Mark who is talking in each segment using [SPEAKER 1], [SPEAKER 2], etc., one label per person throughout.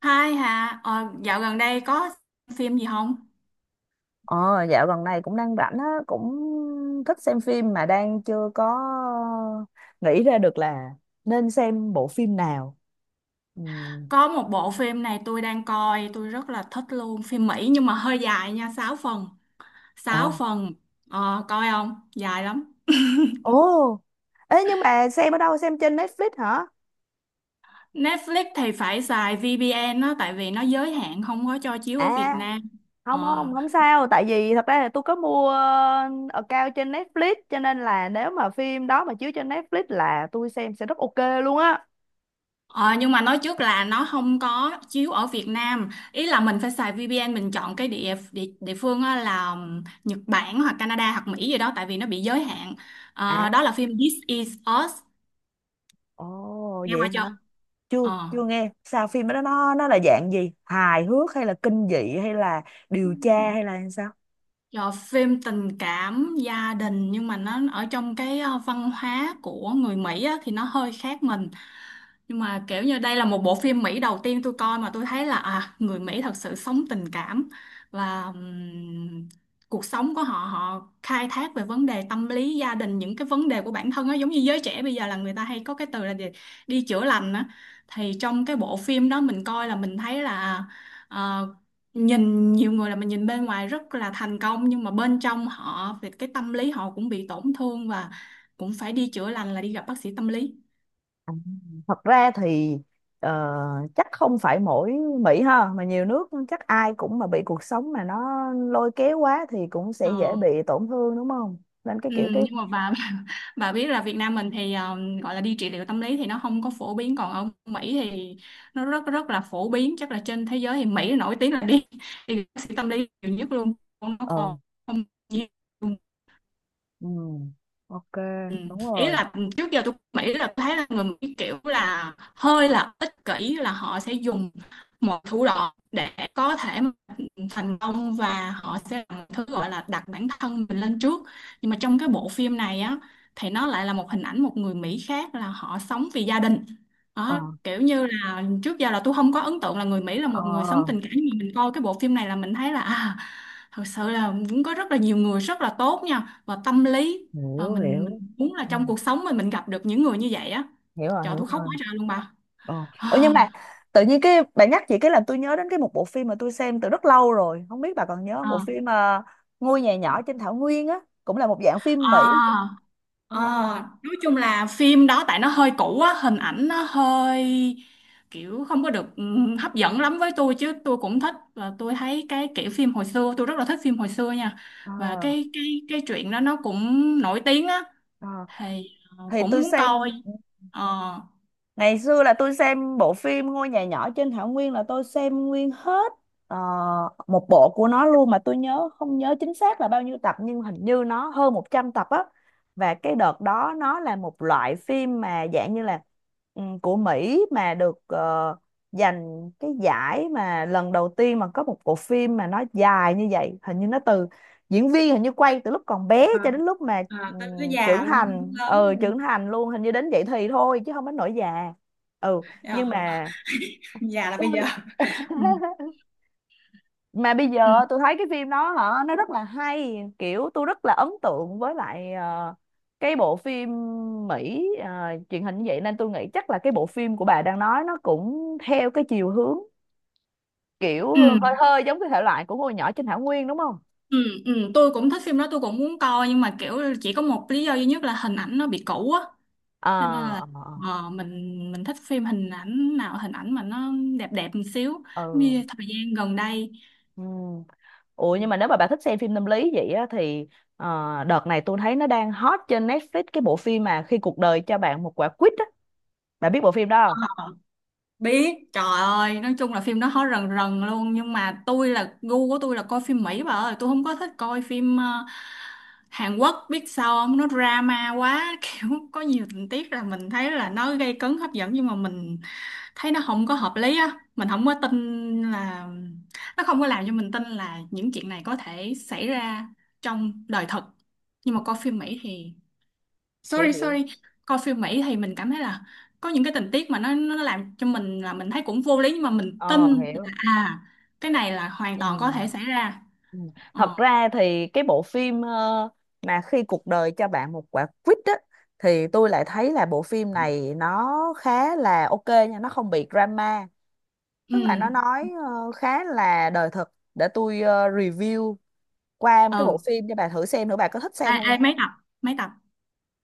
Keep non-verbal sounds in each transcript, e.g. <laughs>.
[SPEAKER 1] Hai hả? Ờ, Dạo gần đây có phim gì không?
[SPEAKER 2] Ờ, dạo gần này cũng đang rảnh á, cũng thích xem phim mà đang chưa có nghĩ ra được là nên xem bộ phim nào. Ừ.
[SPEAKER 1] Có một bộ phim này tôi đang coi, tôi rất là thích luôn. Phim Mỹ nhưng mà hơi dài nha, 6 phần. Sáu
[SPEAKER 2] Ờ.
[SPEAKER 1] phần, coi không? Dài lắm.
[SPEAKER 2] Ồ, ê nhưng mà xem ở đâu? Xem trên Netflix hả?
[SPEAKER 1] Netflix thì phải xài VPN đó, tại vì nó giới hạn không có cho chiếu ở
[SPEAKER 2] À,
[SPEAKER 1] Việt Nam.
[SPEAKER 2] không
[SPEAKER 1] Ờ.
[SPEAKER 2] không không sao, tại vì thật ra là tôi có mua account trên Netflix, cho nên là nếu mà phim đó mà chiếu trên Netflix là tôi xem sẽ rất ok luôn á.
[SPEAKER 1] Ờ, nhưng mà nói trước là nó không có chiếu ở Việt Nam, ý là mình phải xài VPN, mình chọn cái địa địa, địa phương á là Nhật Bản hoặc Canada hoặc Mỹ gì đó, tại vì nó bị giới hạn.
[SPEAKER 2] À,
[SPEAKER 1] Ờ, đó là phim This Is Us,
[SPEAKER 2] ồ
[SPEAKER 1] nghe
[SPEAKER 2] vậy
[SPEAKER 1] qua chưa?
[SPEAKER 2] chưa,
[SPEAKER 1] Ờ.
[SPEAKER 2] chưa nghe. Sao phim đó nó là dạng gì, hài hước hay là kinh dị hay là điều tra hay là sao?
[SPEAKER 1] Rồi phim tình cảm gia đình, nhưng mà nó ở trong cái văn hóa của người Mỹ á, thì nó hơi khác mình, nhưng mà kiểu như đây là một bộ phim Mỹ đầu tiên tôi coi mà tôi thấy là à, người Mỹ thật sự sống tình cảm. Và cuộc sống của họ, họ khai thác về vấn đề tâm lý gia đình, những cái vấn đề của bản thân á, giống như giới trẻ bây giờ là người ta hay có cái từ là gì? Đi chữa lành á. Thì trong cái bộ phim đó mình coi là mình thấy là à, nhìn nhiều người là mình nhìn bên ngoài rất là thành công, nhưng mà bên trong họ về cái tâm lý họ cũng bị tổn thương, và cũng phải đi chữa lành là đi gặp bác sĩ tâm lý.
[SPEAKER 2] À, thật ra thì ờ, chắc không phải mỗi Mỹ ha, mà nhiều nước chắc ai cũng mà bị cuộc sống mà nó lôi kéo quá thì cũng sẽ
[SPEAKER 1] Ờ.
[SPEAKER 2] dễ bị tổn thương đúng không? Nên cái
[SPEAKER 1] Ừ,
[SPEAKER 2] kiểu cái
[SPEAKER 1] nhưng mà bà <laughs> bà biết là Việt Nam mình thì gọi là đi trị liệu tâm lý thì nó không có phổ biến, còn ở Mỹ thì nó rất rất là phổ biến, chắc là trên thế giới thì Mỹ nổi tiếng là đi <laughs> đi gặp bác sĩ tâm lý nhiều nhất luôn. Nó
[SPEAKER 2] ừ,
[SPEAKER 1] còn không nhiều.
[SPEAKER 2] ừ, ok,
[SPEAKER 1] Ừ.
[SPEAKER 2] đúng
[SPEAKER 1] Ý
[SPEAKER 2] rồi.
[SPEAKER 1] là trước giờ tôi nghĩ là tôi thấy là người Mỹ kiểu là hơi là ích kỷ, là họ sẽ dùng một thủ đoạn để có thể mà thành công, và họ sẽ làm một thứ gọi là đặt bản thân mình lên trước. Nhưng mà trong cái bộ phim này á, thì nó lại là một hình ảnh một người Mỹ khác là họ sống vì gia đình.
[SPEAKER 2] Ờ,
[SPEAKER 1] Đó, kiểu như là trước giờ là tôi không có ấn tượng là người Mỹ là
[SPEAKER 2] ờ,
[SPEAKER 1] một người sống tình cảm, nhưng mà mình coi cái bộ phim này là mình thấy là à, thật sự là cũng có rất là nhiều người rất là tốt nha, và tâm lý. Ờ,
[SPEAKER 2] hiểu
[SPEAKER 1] mình
[SPEAKER 2] hiểu.
[SPEAKER 1] muốn là
[SPEAKER 2] Ừ,
[SPEAKER 1] trong cuộc sống mình gặp được những người như vậy á.
[SPEAKER 2] hiểu rồi,
[SPEAKER 1] Trời,
[SPEAKER 2] hiểu
[SPEAKER 1] tôi khóc
[SPEAKER 2] rồi.
[SPEAKER 1] quá trời luôn bà.
[SPEAKER 2] Ờ. Ủa nhưng
[SPEAKER 1] À.
[SPEAKER 2] mà tự nhiên cái bạn nhắc chị cái làm tôi nhớ đến cái một bộ phim mà tôi xem từ rất lâu rồi, không biết bà còn nhớ không? Bộ
[SPEAKER 1] À,
[SPEAKER 2] phim Ngôi nhà nhỏ trên thảo nguyên á, cũng là một dạng phim
[SPEAKER 1] à,
[SPEAKER 2] Mỹ. Ờ,
[SPEAKER 1] à. Nói chung là phim đó tại nó hơi cũ á, hình ảnh nó hơi kiểu không có được hấp dẫn lắm với tôi, chứ tôi cũng thích, và tôi thấy cái kiểu phim hồi xưa, tôi rất là thích phim hồi xưa nha.
[SPEAKER 2] ờ,
[SPEAKER 1] Và
[SPEAKER 2] ờ,
[SPEAKER 1] cái cái chuyện đó nó cũng nổi tiếng á.
[SPEAKER 2] ờ.
[SPEAKER 1] Thì
[SPEAKER 2] thì
[SPEAKER 1] cũng
[SPEAKER 2] tôi
[SPEAKER 1] muốn
[SPEAKER 2] xem
[SPEAKER 1] coi. Ờ,
[SPEAKER 2] Ngày xưa là tôi xem bộ phim Ngôi nhà nhỏ trên thảo nguyên là tôi xem nguyên hết ờ, một bộ của nó luôn, mà tôi nhớ không nhớ chính xác là bao nhiêu tập, nhưng hình như nó hơn 100 tập á. Và cái đợt đó nó là một loại phim mà dạng như là của Mỹ, mà được giành cái giải mà lần đầu tiên mà có một bộ phim mà nó dài như vậy. Hình như nó từ diễn viên, hình như quay từ lúc còn bé
[SPEAKER 1] à,
[SPEAKER 2] cho đến lúc mà
[SPEAKER 1] à, tới tới
[SPEAKER 2] trưởng
[SPEAKER 1] già luôn,
[SPEAKER 2] thành,
[SPEAKER 1] lớn
[SPEAKER 2] ừ,
[SPEAKER 1] luôn.
[SPEAKER 2] trưởng thành luôn, hình như đến vậy thì thôi chứ không đến nỗi già. Ừ,
[SPEAKER 1] Ờ,
[SPEAKER 2] nhưng mà
[SPEAKER 1] già là bây giờ.
[SPEAKER 2] tôi
[SPEAKER 1] Ừ.
[SPEAKER 2] <laughs> mà bây
[SPEAKER 1] Ừ,
[SPEAKER 2] giờ tôi thấy cái phim đó hả, nó rất là hay, kiểu tôi rất là ấn tượng với lại cái bộ phim Mỹ truyền hình như vậy, nên tôi nghĩ chắc là cái bộ phim của bà đang nói nó cũng theo cái chiều hướng kiểu
[SPEAKER 1] ừ,
[SPEAKER 2] hơi hơi giống cái thể loại của ngôi nhỏ trên thảo nguyên đúng không?
[SPEAKER 1] ừ, ừ, tôi cũng thích phim đó, tôi cũng muốn coi, nhưng mà kiểu chỉ có một lý do duy nhất là hình ảnh nó bị cũ á,
[SPEAKER 2] Ờ,
[SPEAKER 1] cho nên là
[SPEAKER 2] ờ, ờ,
[SPEAKER 1] mình thích phim hình ảnh nào, hình ảnh mà nó đẹp đẹp một xíu, giống
[SPEAKER 2] ờ,
[SPEAKER 1] như thời gian gần đây.
[SPEAKER 2] ừ, ừ. Ủa nhưng mà nếu mà bà thích xem phim tâm lý vậy á, thì ờ, đợt này tôi thấy nó đang hot trên Netflix cái bộ phim mà khi cuộc đời cho bạn một quả quýt á. Bà biết bộ phim đó không?
[SPEAKER 1] Ừ. Biết, trời ơi, nói chung là phim nó hot rần rần luôn, nhưng mà tôi là gu của tôi là coi phim Mỹ bà ơi, tôi không có thích coi phim Hàn Quốc, biết sao không, nó drama quá <laughs> kiểu có nhiều tình tiết là mình thấy là nó gây cấn hấp dẫn, nhưng mà mình thấy nó không có hợp lý á, mình không có tin là, nó không có làm cho mình tin là những chuyện này có thể xảy ra trong đời thật. Nhưng mà coi phim Mỹ thì,
[SPEAKER 2] Hiểu
[SPEAKER 1] sorry
[SPEAKER 2] hiểu.
[SPEAKER 1] sorry, coi phim Mỹ thì mình cảm thấy là có những cái tình tiết mà nó làm cho mình là mình thấy cũng vô lý, nhưng mà mình
[SPEAKER 2] Ờ,
[SPEAKER 1] tin
[SPEAKER 2] hiểu.
[SPEAKER 1] là à, cái này là hoàn
[SPEAKER 2] Ừ.
[SPEAKER 1] toàn có thể xảy ra.
[SPEAKER 2] Ừ.
[SPEAKER 1] Ờ.
[SPEAKER 2] Thật ra thì cái bộ phim mà khi cuộc đời cho bạn một quả quýt á, thì tôi lại thấy là bộ phim này nó khá là ok nha, nó không bị drama,
[SPEAKER 1] Ừ.
[SPEAKER 2] tức là nó nói khá là đời thực. Để tôi review qua một cái bộ
[SPEAKER 1] Ừ.
[SPEAKER 2] phim cho bà thử xem nữa, bà có thích xem
[SPEAKER 1] Ai
[SPEAKER 2] không.
[SPEAKER 1] ai, mấy tập, mấy tập?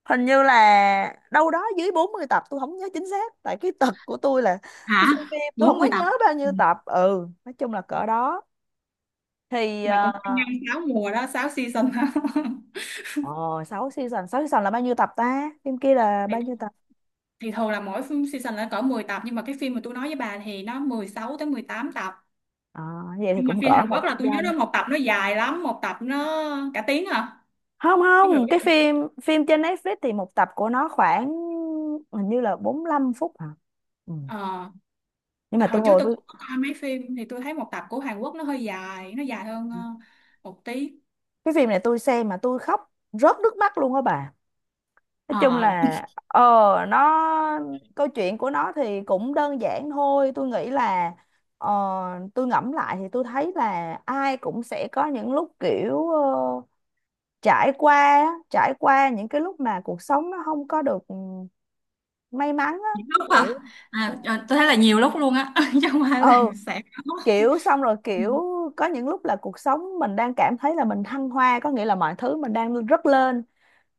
[SPEAKER 2] Hình như là đâu đó dưới 40 tập, tôi không nhớ chính xác, tại cái tật của tôi là
[SPEAKER 1] Hả?
[SPEAKER 2] tôi xem phim tôi không
[SPEAKER 1] Bốn
[SPEAKER 2] có
[SPEAKER 1] mươi tập
[SPEAKER 2] nhớ bao
[SPEAKER 1] Ừ.
[SPEAKER 2] nhiêu tập, ừ, nói chung là cỡ đó thì
[SPEAKER 1] Là cũng 5 6 mùa đó, 6 season đó. <laughs>
[SPEAKER 2] 6 season, 6 season là bao nhiêu tập ta, phim kia là bao
[SPEAKER 1] thì,
[SPEAKER 2] nhiêu tập?
[SPEAKER 1] thì thường là mỗi phim season là cỡ 10 tập, nhưng mà cái phim mà tôi nói với bà thì nó 16 tới 18 tập.
[SPEAKER 2] Ờ, vậy thì
[SPEAKER 1] Nhưng mà
[SPEAKER 2] cũng
[SPEAKER 1] phim
[SPEAKER 2] cỡ
[SPEAKER 1] Hàn
[SPEAKER 2] một
[SPEAKER 1] Quốc là tôi nhớ nó
[SPEAKER 2] trăm
[SPEAKER 1] một tập nó dài lắm, một tập nó cả tiếng à,
[SPEAKER 2] Không
[SPEAKER 1] tiếng
[SPEAKER 2] không, cái
[SPEAKER 1] rưỡi.
[SPEAKER 2] phim phim trên Netflix thì một tập của nó khoảng hình như là 45 phút hả, ừ.
[SPEAKER 1] Ờ,
[SPEAKER 2] Nhưng mà
[SPEAKER 1] tại
[SPEAKER 2] tôi
[SPEAKER 1] hồi trước
[SPEAKER 2] ngồi
[SPEAKER 1] tôi
[SPEAKER 2] tôi
[SPEAKER 1] cũng có coi mấy phim thì tôi thấy một tập của Hàn Quốc nó hơi dài, nó dài hơn một tí.
[SPEAKER 2] cái phim này tôi xem mà tôi khóc rớt nước mắt luôn á bà. Nói chung
[SPEAKER 1] Ờ,
[SPEAKER 2] là, ờ, nó câu chuyện của nó thì cũng đơn giản thôi, tôi nghĩ là ờ, tôi ngẫm lại thì tôi thấy là ai cũng sẽ có những lúc kiểu trải qua á, trải qua những cái lúc mà cuộc sống nó không có được may mắn á.
[SPEAKER 1] nhiều lúc
[SPEAKER 2] Kiểu
[SPEAKER 1] hả? À, ờ, tôi thấy là nhiều lúc luôn á, <laughs> chứ không phải là
[SPEAKER 2] ừ,
[SPEAKER 1] sẽ có.
[SPEAKER 2] kiểu xong rồi
[SPEAKER 1] Ừ.
[SPEAKER 2] kiểu có những lúc là cuộc sống mình đang cảm thấy là mình thăng hoa, có nghĩa là mọi thứ mình đang rất lên,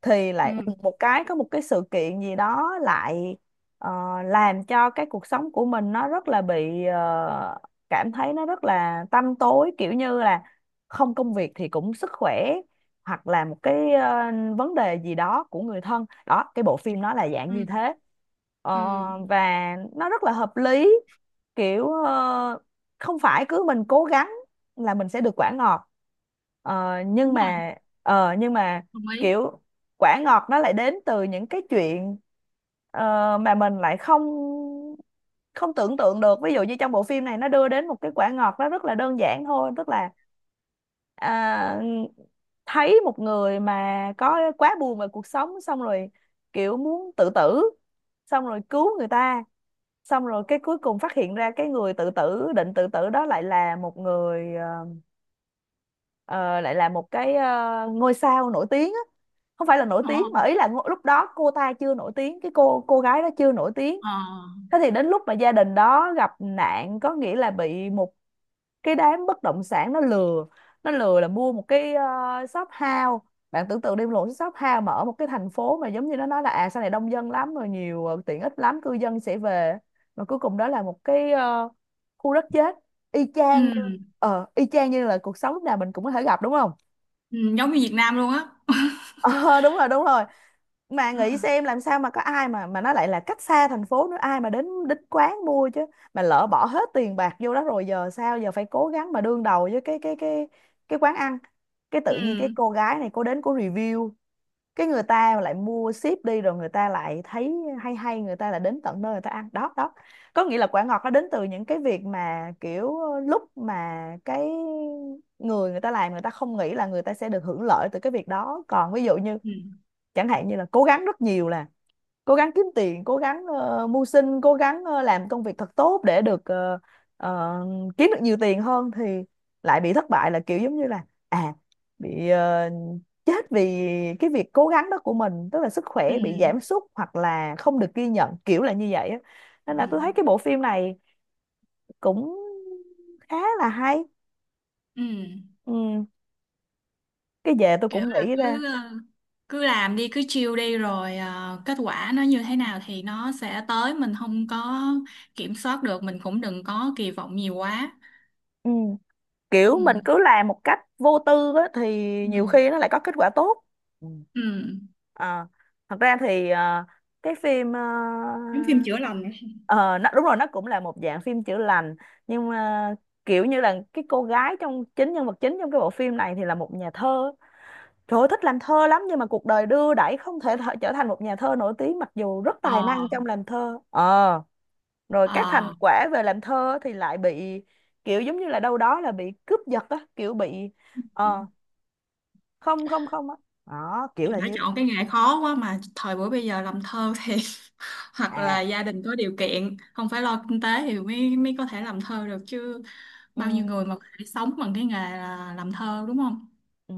[SPEAKER 2] thì
[SPEAKER 1] Ừ,
[SPEAKER 2] lại đùng một cái có một cái sự kiện gì đó lại ờ, làm cho cái cuộc sống của mình nó rất là bị cảm thấy nó rất là tăm tối, kiểu như là không công việc thì cũng sức khỏe, hoặc là một cái vấn đề gì đó của người thân đó, cái bộ phim nó là dạng
[SPEAKER 1] ừ,
[SPEAKER 2] như thế. Ờ,
[SPEAKER 1] ừ.
[SPEAKER 2] và nó rất là hợp lý, kiểu không phải cứ mình cố gắng là mình sẽ được quả ngọt. Ờ, nhưng
[SPEAKER 1] Đúng rồi,
[SPEAKER 2] mà ờ, nhưng mà
[SPEAKER 1] đồng ý.
[SPEAKER 2] kiểu quả ngọt nó lại đến từ những cái chuyện mà mình lại không không tưởng tượng được. Ví dụ như trong bộ phim này nó đưa đến một cái quả ngọt nó rất là đơn giản thôi, tức là à, thấy một người mà có quá buồn về cuộc sống, xong rồi kiểu muốn tự tử, xong rồi cứu người ta, xong rồi cái cuối cùng phát hiện ra cái người tự tử định tự tử đó lại là một người ờ, lại là một cái ngôi sao nổi tiếng á. Không phải là nổi
[SPEAKER 1] Ờ,
[SPEAKER 2] tiếng mà ý là lúc đó cô ta chưa nổi tiếng, cái cô gái đó chưa nổi tiếng.
[SPEAKER 1] ờ.
[SPEAKER 2] Thế thì đến lúc mà gia đình đó gặp nạn, có nghĩa là bị một cái đám bất động sản nó lừa, nó lừa là mua một cái shop house. Bạn tưởng tượng đi, một shop house mà ở một cái thành phố mà giống như nó nói là à sau này đông dân lắm rồi nhiều tiện ích lắm, cư dân sẽ về, mà cuối cùng đó là một cái khu đất chết. Y
[SPEAKER 1] Ừ,
[SPEAKER 2] chang như y chang như là cuộc sống lúc nào mình cũng có thể gặp đúng không?
[SPEAKER 1] ừ, giống như Việt Nam luôn á. <laughs>
[SPEAKER 2] Ờ đúng rồi, đúng rồi. Mà nghĩ xem làm sao mà có ai mà nó lại là cách xa thành phố nữa, ai mà đến đến quán mua chứ, mà lỡ bỏ hết tiền bạc vô đó rồi giờ sao, giờ phải cố gắng mà đương đầu với cái cái quán ăn. Cái tự nhiên cái
[SPEAKER 1] Ừ,
[SPEAKER 2] cô gái này cô đến cô review, cái người ta lại mua ship đi, rồi người ta lại thấy hay hay, người ta lại đến tận nơi người ta ăn đó đó. Có nghĩa là quả ngọt nó đến từ những cái việc mà kiểu lúc mà người người ta làm, người ta không nghĩ là người ta sẽ được hưởng lợi từ cái việc đó. Còn ví dụ như
[SPEAKER 1] ừ,
[SPEAKER 2] chẳng hạn như là cố gắng rất nhiều là cố gắng kiếm tiền, cố gắng mưu sinh, cố gắng làm công việc thật tốt để được ờ, kiếm được nhiều tiền hơn, thì lại bị thất bại, là kiểu giống như là à bị chết vì cái việc cố gắng đó của mình, tức là sức
[SPEAKER 1] ừ,
[SPEAKER 2] khỏe bị giảm sút hoặc là không được ghi nhận kiểu là như vậy á. Nên là
[SPEAKER 1] ừ,
[SPEAKER 2] tôi thấy cái bộ phim này cũng khá là hay.
[SPEAKER 1] ừ.
[SPEAKER 2] Ừ. Cái về tôi
[SPEAKER 1] Kiểu
[SPEAKER 2] cũng
[SPEAKER 1] là
[SPEAKER 2] nghĩ ra.
[SPEAKER 1] cứ cứ làm đi, cứ chill đi, rồi kết quả nó như thế nào thì nó sẽ tới, mình không có kiểm soát được, mình cũng đừng có kỳ vọng nhiều quá.
[SPEAKER 2] Ừ.
[SPEAKER 1] Ừ,
[SPEAKER 2] Kiểu mình cứ làm một cách vô tư á, thì
[SPEAKER 1] ừ,
[SPEAKER 2] nhiều khi nó lại có kết quả tốt. Ừ.
[SPEAKER 1] ừ.
[SPEAKER 2] Ờ, thật ra thì cái phim
[SPEAKER 1] Giống phim chữa lành này.
[SPEAKER 2] ờ, nó, đúng rồi, nó cũng là một dạng phim chữa lành, nhưng mà kiểu như là cái cô gái trong chính nhân vật chính trong cái bộ phim này thì là một nhà thơ. Trời ơi, thích làm thơ lắm, nhưng mà cuộc đời đưa đẩy không thể trở thành một nhà thơ nổi tiếng mặc dù rất tài
[SPEAKER 1] Ờ,
[SPEAKER 2] năng trong làm thơ, ờ rồi các thành
[SPEAKER 1] ờ.
[SPEAKER 2] quả về làm thơ thì lại bị kiểu giống như là đâu đó là bị cướp giật á, kiểu bị ờ không không không á, đó kiểu
[SPEAKER 1] Thì
[SPEAKER 2] là
[SPEAKER 1] đã
[SPEAKER 2] như
[SPEAKER 1] chọn cái nghề khó quá, mà thời buổi bây giờ làm thơ thì <laughs> hoặc
[SPEAKER 2] à,
[SPEAKER 1] là gia đình có điều kiện không phải lo kinh tế thì mới mới có thể làm thơ được chứ. Bao nhiêu
[SPEAKER 2] ừ,
[SPEAKER 1] người mà có thể sống bằng cái nghề là làm thơ, đúng không?
[SPEAKER 2] ừ.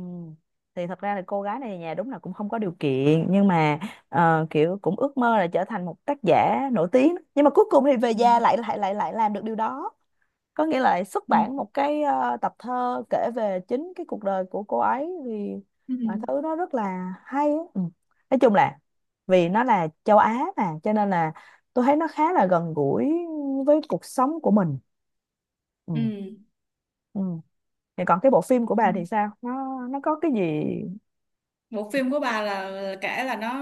[SPEAKER 2] Thì thật ra là cô gái này nhà đúng là cũng không có điều kiện, nhưng mà kiểu cũng ước mơ là trở thành một tác giả nổi tiếng, nhưng mà cuối cùng thì về già
[SPEAKER 1] Ừ,
[SPEAKER 2] lại lại lại lại làm được điều đó, có nghĩa là xuất
[SPEAKER 1] ừ,
[SPEAKER 2] bản một cái tập thơ kể về chính cái cuộc đời của cô ấy. Thì
[SPEAKER 1] ừ.
[SPEAKER 2] mọi thứ nó rất là hay á. Ừ. Nói chung là vì nó là châu Á mà cho nên là tôi thấy nó khá là gần gũi với cuộc sống của mình. Ừ.
[SPEAKER 1] Ừ.
[SPEAKER 2] Ừ. Thì còn cái bộ phim của
[SPEAKER 1] Ừ.
[SPEAKER 2] bà thì sao? Nó có cái gì?
[SPEAKER 1] Bộ phim của bà là kể là nó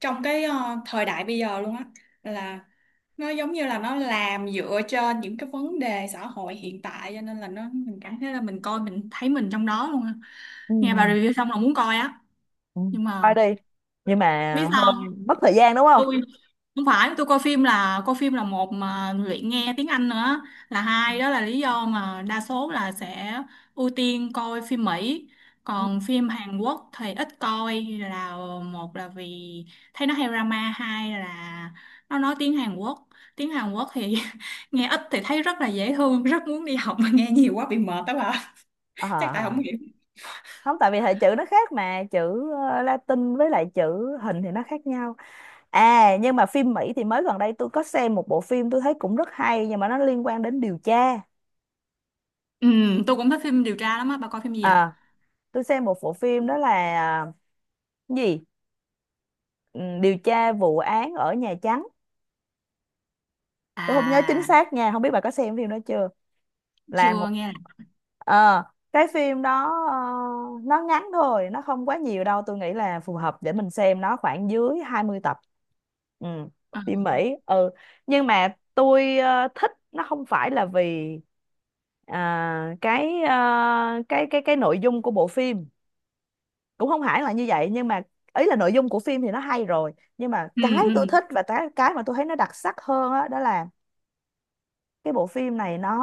[SPEAKER 1] trong cái thời đại bây giờ luôn á, là nó giống như là nó làm dựa trên những cái vấn đề xã hội hiện tại, cho nên là nó mình cảm thấy là mình coi, mình thấy mình trong đó luôn á.
[SPEAKER 2] Ừ.
[SPEAKER 1] Nghe bà review xong là muốn coi á,
[SPEAKER 2] Ừ.
[SPEAKER 1] nhưng
[SPEAKER 2] Coi
[SPEAKER 1] mà
[SPEAKER 2] đi, nhưng mà
[SPEAKER 1] biết sao
[SPEAKER 2] hơi
[SPEAKER 1] không?
[SPEAKER 2] mất thời gian đúng không?
[SPEAKER 1] Tôi, không phải tôi coi phim là một, mà luyện nghe tiếng Anh nữa là hai, đó là lý do mà đa số là sẽ ưu tiên coi phim Mỹ.
[SPEAKER 2] Ừ.
[SPEAKER 1] Còn phim Hàn Quốc thì ít coi, là một là vì thấy nó hay drama, hai là nó nói tiếng Hàn Quốc. Tiếng Hàn Quốc thì <laughs> nghe ít thì thấy rất là dễ thương, rất muốn đi học, mà nghe nhiều quá bị mệt đó bà.
[SPEAKER 2] À,
[SPEAKER 1] <laughs> Chắc
[SPEAKER 2] à,
[SPEAKER 1] tại
[SPEAKER 2] à.
[SPEAKER 1] không hiểu.
[SPEAKER 2] Không, tại vì hệ chữ nó khác, mà chữ Latin với lại chữ hình thì nó khác nhau. À, nhưng mà phim Mỹ thì mới gần đây tôi có xem một bộ phim, tôi thấy cũng rất hay, nhưng mà nó liên quan đến điều tra.
[SPEAKER 1] Ừ, tôi cũng thích phim điều tra lắm á bà, coi phim gì vậy?
[SPEAKER 2] à tôi xem một bộ phim đó là, cái gì... Ừ, điều tra vụ án ở Nhà Trắng. Tôi không nhớ chính
[SPEAKER 1] À,
[SPEAKER 2] xác nha, không biết bà có xem phim đó chưa. Là
[SPEAKER 1] chưa
[SPEAKER 2] một
[SPEAKER 1] nghe. Là
[SPEAKER 2] ờ, cái phim đó, nó ngắn thôi, nó không quá nhiều đâu, tôi nghĩ là phù hợp để mình xem, nó khoảng dưới 20 tập. Ừ.
[SPEAKER 1] ừ,
[SPEAKER 2] Phim Mỹ. Ừ, nhưng mà tôi thích nó không phải là vì cái cái nội dung của bộ phim, cũng không hẳn là như vậy. Nhưng mà ý là nội dung của phim thì nó hay rồi, nhưng mà
[SPEAKER 1] ừ,
[SPEAKER 2] cái
[SPEAKER 1] ừ,
[SPEAKER 2] tôi thích và cái mà tôi thấy nó đặc sắc hơn á đó, là cái bộ phim này nó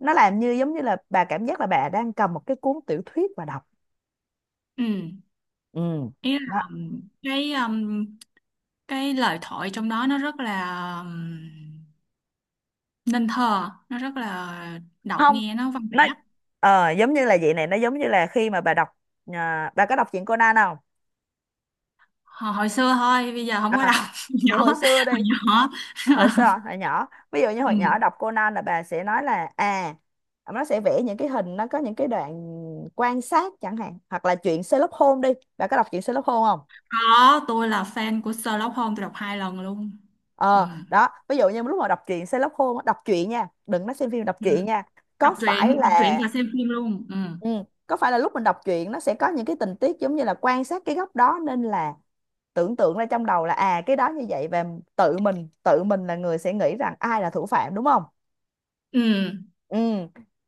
[SPEAKER 2] nó làm như giống như là bà cảm giác là bà đang cầm một cái cuốn tiểu thuyết và đọc.
[SPEAKER 1] ừ.
[SPEAKER 2] Ừ,
[SPEAKER 1] Ý
[SPEAKER 2] đó.
[SPEAKER 1] là cái lời thoại trong đó nó rất là um, nên thơ, nó rất là đọc
[SPEAKER 2] Không,
[SPEAKER 1] nghe nó văn vẻ.
[SPEAKER 2] nó giống như là vậy này, nó giống như là khi mà bà đọc. Bà có đọc truyện Conan không?
[SPEAKER 1] Hồi, hồi xưa thôi, bây giờ không có
[SPEAKER 2] à,
[SPEAKER 1] đọc. <laughs>
[SPEAKER 2] thì
[SPEAKER 1] Nhỏ,
[SPEAKER 2] hồi xưa đi,
[SPEAKER 1] hồi nhỏ.
[SPEAKER 2] hồi xưa
[SPEAKER 1] <laughs>
[SPEAKER 2] hồi nhỏ, ví dụ như hồi
[SPEAKER 1] Ừ.
[SPEAKER 2] nhỏ đọc Conan là bà sẽ nói là à, nó sẽ vẽ những cái hình, nó có những cái đoạn quan sát chẳng hạn. Hoặc là chuyện Sherlock Holmes đi, bà có đọc chuyện Sherlock Holmes không?
[SPEAKER 1] Có, tôi là fan của Sherlock Holmes, tôi đọc 2 lần luôn. Ừ.
[SPEAKER 2] Ờ Đó, ví dụ như lúc mà đọc truyện Sherlock Holmes á, đọc truyện nha, đừng nói xem phim, đọc
[SPEAKER 1] Ừ.
[SPEAKER 2] truyện nha.
[SPEAKER 1] Đọc
[SPEAKER 2] có phải
[SPEAKER 1] truyện, đọc truyện
[SPEAKER 2] là
[SPEAKER 1] và xem phim luôn. Ừ.
[SPEAKER 2] ừ, có phải là lúc mình đọc truyện nó sẽ có những cái tình tiết giống như là quan sát cái góc đó, nên là tưởng tượng ra trong đầu là à cái đó như vậy, và tự mình là người sẽ nghĩ rằng ai là thủ phạm đúng không?
[SPEAKER 1] Ừ.
[SPEAKER 2] Ừ,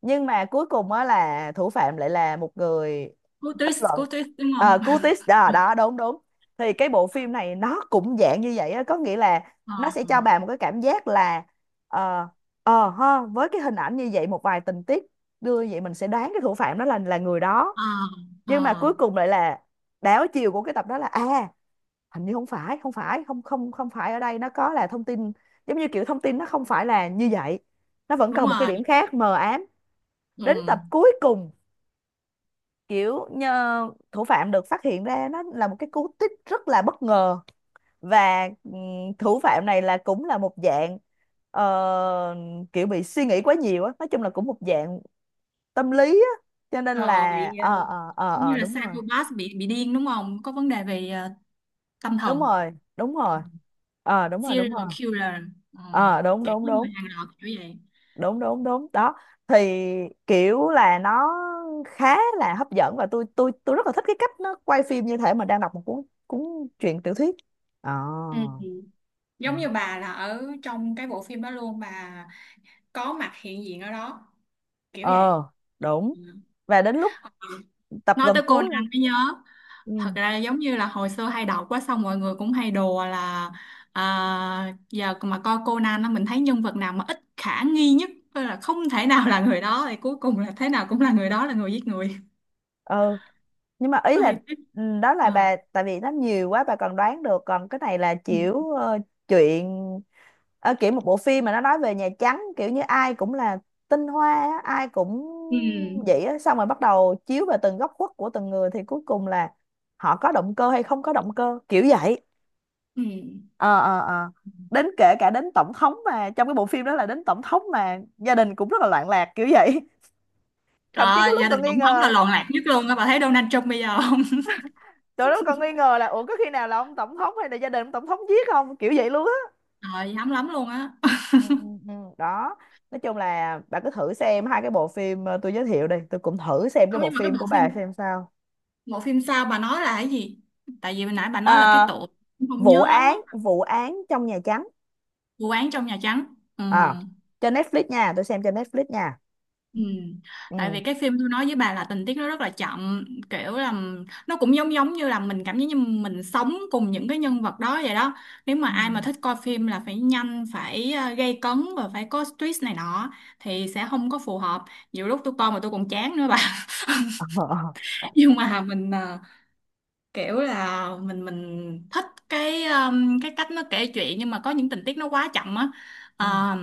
[SPEAKER 2] nhưng mà cuối cùng á là thủ phạm lại là một người.
[SPEAKER 1] Cú
[SPEAKER 2] Kết
[SPEAKER 1] twist,
[SPEAKER 2] luận
[SPEAKER 1] cú twist đúng không?
[SPEAKER 2] Curtis, đó đó, đúng đúng. Thì cái bộ phim này nó cũng dạng như vậy á, có nghĩa là nó sẽ
[SPEAKER 1] <laughs>
[SPEAKER 2] cho
[SPEAKER 1] Ờ,
[SPEAKER 2] bà một cái cảm giác là ờ ha, với cái hình ảnh như vậy, một vài tình tiết đưa như vậy, mình sẽ đoán cái thủ phạm đó là người đó.
[SPEAKER 1] ờ, ờ,
[SPEAKER 2] Nhưng mà cuối cùng lại là đảo chiều của cái tập đó, là à hình như không phải ở đây, nó có là thông tin, giống như kiểu thông tin nó không phải là như vậy, nó vẫn
[SPEAKER 1] đúng
[SPEAKER 2] còn một cái
[SPEAKER 1] rồi.
[SPEAKER 2] điểm khác mờ ám. Đến
[SPEAKER 1] Ừ.
[SPEAKER 2] tập cuối cùng kiểu nhờ, thủ phạm được phát hiện ra, nó là một cái cú twist rất là bất ngờ. Và thủ phạm này là cũng là một dạng ờ, kiểu bị suy nghĩ quá nhiều á, nói chung là cũng một dạng tâm lý á, cho nên là
[SPEAKER 1] Ờ, bị giống như là
[SPEAKER 2] đúng rồi,
[SPEAKER 1] psychopath, bị điên đúng không? Có vấn đề về tâm thần.
[SPEAKER 2] đúng rồi, đúng
[SPEAKER 1] Ừ.
[SPEAKER 2] rồi. Đúng rồi, đúng rồi.
[SPEAKER 1] Serial killer. Ờ,
[SPEAKER 2] Ờ Đúng
[SPEAKER 1] cả
[SPEAKER 2] đúng
[SPEAKER 1] những
[SPEAKER 2] đúng,
[SPEAKER 1] người hàng loạt kiểu vậy.
[SPEAKER 2] đúng đúng đúng đó. Thì kiểu là nó khá là hấp dẫn, và tôi rất là thích cái cách nó quay phim như thể mà đang đọc một cuốn cuốn truyện tiểu thuyết. ờ
[SPEAKER 1] Ừ.
[SPEAKER 2] ừ.
[SPEAKER 1] Giống như bà là ở trong cái bộ phim đó luôn bà, có mặt hiện diện ở đó, kiểu vậy.
[SPEAKER 2] ờ Đúng.
[SPEAKER 1] Ừ.
[SPEAKER 2] Và đến lúc tập
[SPEAKER 1] Nói
[SPEAKER 2] gần
[SPEAKER 1] tới
[SPEAKER 2] cuối
[SPEAKER 1] Conan
[SPEAKER 2] rồi.
[SPEAKER 1] mới nhớ,
[SPEAKER 2] Ừ.
[SPEAKER 1] thật ra giống như là hồi xưa hay đọc quá, xong mọi người cũng hay đùa là à, giờ mà coi Conan á, mình thấy nhân vật nào mà ít khả nghi nhất, tức là không thể nào là người đó, thì cuối cùng là thế nào cũng là người đó là người giết người.
[SPEAKER 2] Ừ, nhưng mà ý
[SPEAKER 1] Nó
[SPEAKER 2] là
[SPEAKER 1] hay tức.
[SPEAKER 2] ừ, đó là
[SPEAKER 1] Ờ.
[SPEAKER 2] bà, tại vì nó nhiều quá bà còn đoán được. Còn cái này là
[SPEAKER 1] Ừ.
[SPEAKER 2] kiểu chuyện, kiểu một bộ phim mà nó nói về Nhà Trắng, kiểu như ai cũng là tinh hoa á, ai cũng
[SPEAKER 1] Ừ.
[SPEAKER 2] vậy á, xong rồi bắt đầu chiếu về từng góc khuất của từng người, thì cuối cùng là họ có động cơ hay không có động cơ kiểu vậy.
[SPEAKER 1] Ừ.
[SPEAKER 2] ờ ờ ờ Đến, kể cả đến tổng thống mà trong cái bộ phim đó, là đến tổng thống mà gia đình cũng rất là loạn lạc kiểu vậy. <laughs>
[SPEAKER 1] Trời
[SPEAKER 2] Thậm chí có
[SPEAKER 1] ơi,
[SPEAKER 2] lúc
[SPEAKER 1] gia đình
[SPEAKER 2] còn nghi
[SPEAKER 1] tổng thống là
[SPEAKER 2] ngờ,
[SPEAKER 1] loạn lạc nhất luôn á, bà thấy Donald Trump bây giờ không?
[SPEAKER 2] tụi nó còn nghi ngờ là ủa có khi nào là ông tổng thống hay là gia đình ông tổng thống giết không kiểu vậy luôn á.
[SPEAKER 1] <laughs> Trời, hám lắm luôn á.
[SPEAKER 2] Ừ, ừ, ừ. Đó, nói chung là bà cứ thử xem hai cái bộ phim tôi giới thiệu đây, tôi cũng thử xem cái
[SPEAKER 1] Không,
[SPEAKER 2] bộ
[SPEAKER 1] nhưng mà cái
[SPEAKER 2] phim
[SPEAKER 1] bộ
[SPEAKER 2] của bà
[SPEAKER 1] phim,
[SPEAKER 2] xem sao.
[SPEAKER 1] bộ phim sao bà nói là cái gì, tại vì hồi nãy bà nói là cái
[SPEAKER 2] Ờ,
[SPEAKER 1] tội, không
[SPEAKER 2] vụ
[SPEAKER 1] nhớ lắm.
[SPEAKER 2] án
[SPEAKER 1] Á,
[SPEAKER 2] vụ án trong Nhà Trắng.
[SPEAKER 1] vụ án trong Nhà Trắng. Ừ.
[SPEAKER 2] à, Trên Netflix nha, tôi xem trên Netflix nha.
[SPEAKER 1] Ừ. Tại vì
[SPEAKER 2] Ừ.
[SPEAKER 1] cái phim tôi nói với bà là tình tiết nó rất là chậm, kiểu là nó cũng giống giống như là mình cảm giác như mình sống cùng những cái nhân vật đó vậy đó. Nếu mà
[SPEAKER 2] Ừ.
[SPEAKER 1] ai mà thích coi phim là phải nhanh, phải gay cấn và phải có twist này nọ thì sẽ không có phù hợp. Nhiều lúc tôi coi mà tôi còn chán nữa bà. <laughs>
[SPEAKER 2] Ờ, ờ,
[SPEAKER 1] Nhưng mà mình, kiểu là mình thích cái cái cách nó kể chuyện, nhưng mà có những tình tiết nó quá chậm á.
[SPEAKER 2] ừ,
[SPEAKER 1] Ờ,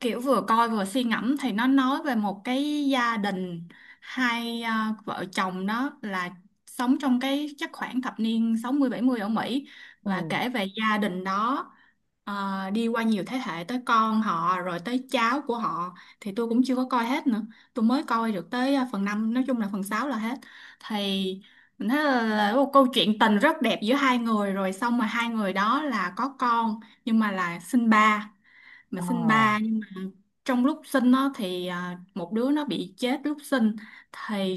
[SPEAKER 1] kiểu vừa coi vừa suy ngẫm. Thì nó nói về một cái gia đình, hai, à, vợ chồng đó là sống trong cái chắc khoảng thập niên 60-70 ở Mỹ,
[SPEAKER 2] ừ,
[SPEAKER 1] và kể về gia đình đó, à, đi qua nhiều thế hệ tới con họ rồi tới cháu của họ. Thì tôi cũng chưa có coi hết nữa. Tôi mới coi được tới, à, phần 5, nói chung là phần 6 là hết. Thì mình thấy là một câu chuyện tình rất đẹp giữa hai người, rồi xong mà hai người đó là có con nhưng mà là sinh ba. Mà
[SPEAKER 2] ờ.
[SPEAKER 1] sinh ba nhưng mà trong lúc sinh nó thì, à, một đứa nó bị chết lúc sinh. Thì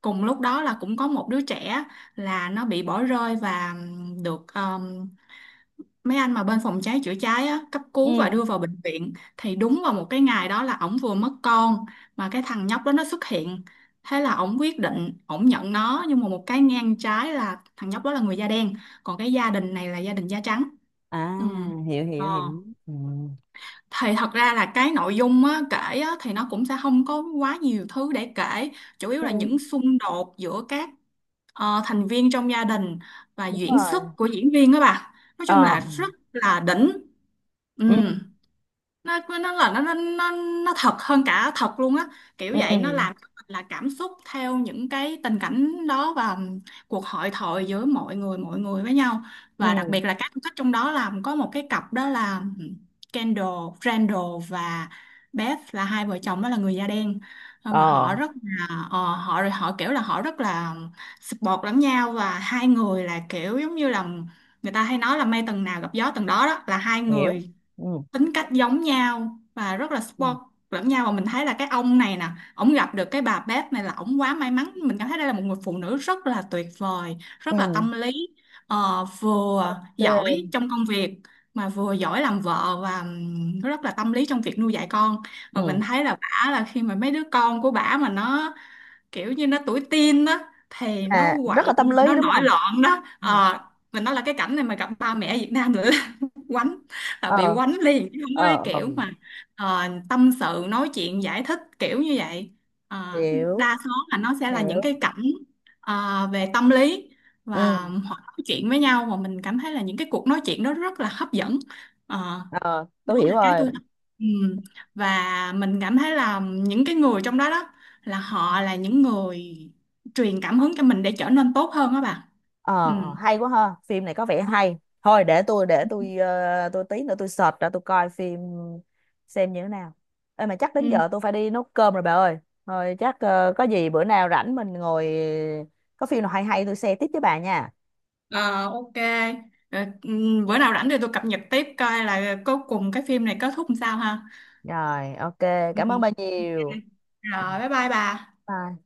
[SPEAKER 1] cùng lúc đó là cũng có một đứa trẻ là nó bị bỏ rơi và được mấy anh mà bên phòng cháy chữa cháy á, cấp cứu và
[SPEAKER 2] Ừ.
[SPEAKER 1] đưa vào bệnh viện, thì đúng vào một cái ngày đó là ổng vừa mất con, mà cái thằng nhóc đó nó xuất hiện. Thế là ổng quyết định ổng nhận nó, nhưng mà một cái ngang trái là thằng nhóc đó là người da đen, còn cái gia đình này là gia đình da trắng.
[SPEAKER 2] À,
[SPEAKER 1] Ừ.
[SPEAKER 2] hiểu
[SPEAKER 1] Ờ,
[SPEAKER 2] hiểu hiểu. Ừ.
[SPEAKER 1] thì thật ra là cái nội dung á, kể á, thì nó cũng sẽ không có quá nhiều thứ để kể, chủ yếu
[SPEAKER 2] Ừ,
[SPEAKER 1] là những xung đột giữa các, ờ, thành viên trong gia đình. Và
[SPEAKER 2] đúng
[SPEAKER 1] diễn xuất
[SPEAKER 2] rồi.
[SPEAKER 1] của diễn viên đó bà, nói chung
[SPEAKER 2] Ờ,
[SPEAKER 1] là rất là đỉnh. Ừ.
[SPEAKER 2] ừ,
[SPEAKER 1] Nó nó thật hơn cả thật luôn á, kiểu
[SPEAKER 2] ừ, ừ,
[SPEAKER 1] vậy. Nó làm cho mình là cảm xúc theo những cái tình cảnh đó, và cuộc hội thoại giữa mọi người với nhau. Và đặc
[SPEAKER 2] ừ,
[SPEAKER 1] biệt là các khách trong đó là có một cái cặp đó là Kendall, Randall, và Beth, là hai vợ chồng đó là người da đen. Nhưng mà
[SPEAKER 2] ờ,
[SPEAKER 1] họ rất là, ờ, họ họ kiểu là họ rất là support lẫn nhau. Và hai người là kiểu giống như là người ta hay nói là mây tầng nào gặp gió tầng đó, đó là hai
[SPEAKER 2] hiểu.
[SPEAKER 1] người
[SPEAKER 2] Ừ,
[SPEAKER 1] tính cách giống nhau và rất là
[SPEAKER 2] ừ,
[SPEAKER 1] support lẫn nhau. Và mình thấy là cái ông này nè, ổng gặp được cái bà bếp này là ổng quá may mắn. Mình cảm thấy đây là một người phụ nữ rất là tuyệt vời,
[SPEAKER 2] ừ.
[SPEAKER 1] rất là tâm lý, ờ, vừa
[SPEAKER 2] Ok.
[SPEAKER 1] giỏi trong công việc mà vừa giỏi làm vợ, và rất là tâm lý trong việc nuôi dạy con. Và mình
[SPEAKER 2] Ừ.
[SPEAKER 1] thấy là bả là khi mà mấy đứa con của bả mà nó kiểu như nó tuổi teen đó, thì nó
[SPEAKER 2] Là rất là
[SPEAKER 1] quậy
[SPEAKER 2] tâm
[SPEAKER 1] rồi
[SPEAKER 2] lý
[SPEAKER 1] nó
[SPEAKER 2] đúng
[SPEAKER 1] nổi
[SPEAKER 2] không?
[SPEAKER 1] loạn đó.
[SPEAKER 2] Ừ.
[SPEAKER 1] Ờ, mình nói là cái cảnh này mà gặp ba mẹ Việt Nam nữa, quánh, là
[SPEAKER 2] Ờ,
[SPEAKER 1] bị quánh liền, chứ không có cái
[SPEAKER 2] ờ, ờ.
[SPEAKER 1] kiểu mà, ờ, tâm sự nói chuyện giải thích kiểu như vậy. Ờ,
[SPEAKER 2] Hiểu,
[SPEAKER 1] đa số là nó sẽ là
[SPEAKER 2] hiểu.
[SPEAKER 1] những cái cảnh, ờ, về tâm lý,
[SPEAKER 2] Ừ.
[SPEAKER 1] và họ nói chuyện với nhau mà mình cảm thấy là những cái cuộc nói chuyện đó rất là hấp dẫn. Ờ,
[SPEAKER 2] Ờ, tôi
[SPEAKER 1] đó
[SPEAKER 2] hiểu
[SPEAKER 1] là cái
[SPEAKER 2] rồi.
[SPEAKER 1] tôi thích. Ừ. Và mình cảm thấy là những cái người trong đó đó, là họ là những người truyền cảm hứng cho mình để trở nên tốt hơn đó bà.
[SPEAKER 2] Ờ, hay quá ha, phim này có vẻ hay. Thôi để tôi ờ, tôi tí nữa tôi search ra tôi coi phim xem như thế nào. Ê, mà chắc đến
[SPEAKER 1] Ừ.
[SPEAKER 2] giờ tôi phải đi nấu cơm rồi bà ơi. Thôi chắc có gì bữa nào rảnh mình ngồi, có phim nào hay hay tôi share tiếp với bà nha.
[SPEAKER 1] Ờ, ok. Rồi, bữa nào rảnh thì tôi cập nhật tiếp coi là cuối cùng cái phim này kết thúc làm sao ha.
[SPEAKER 2] Rồi, ok.
[SPEAKER 1] Ừ.
[SPEAKER 2] Cảm ơn bà nhiều.
[SPEAKER 1] Ok.
[SPEAKER 2] Ừ.
[SPEAKER 1] Rồi bye bye bà.
[SPEAKER 2] Bye.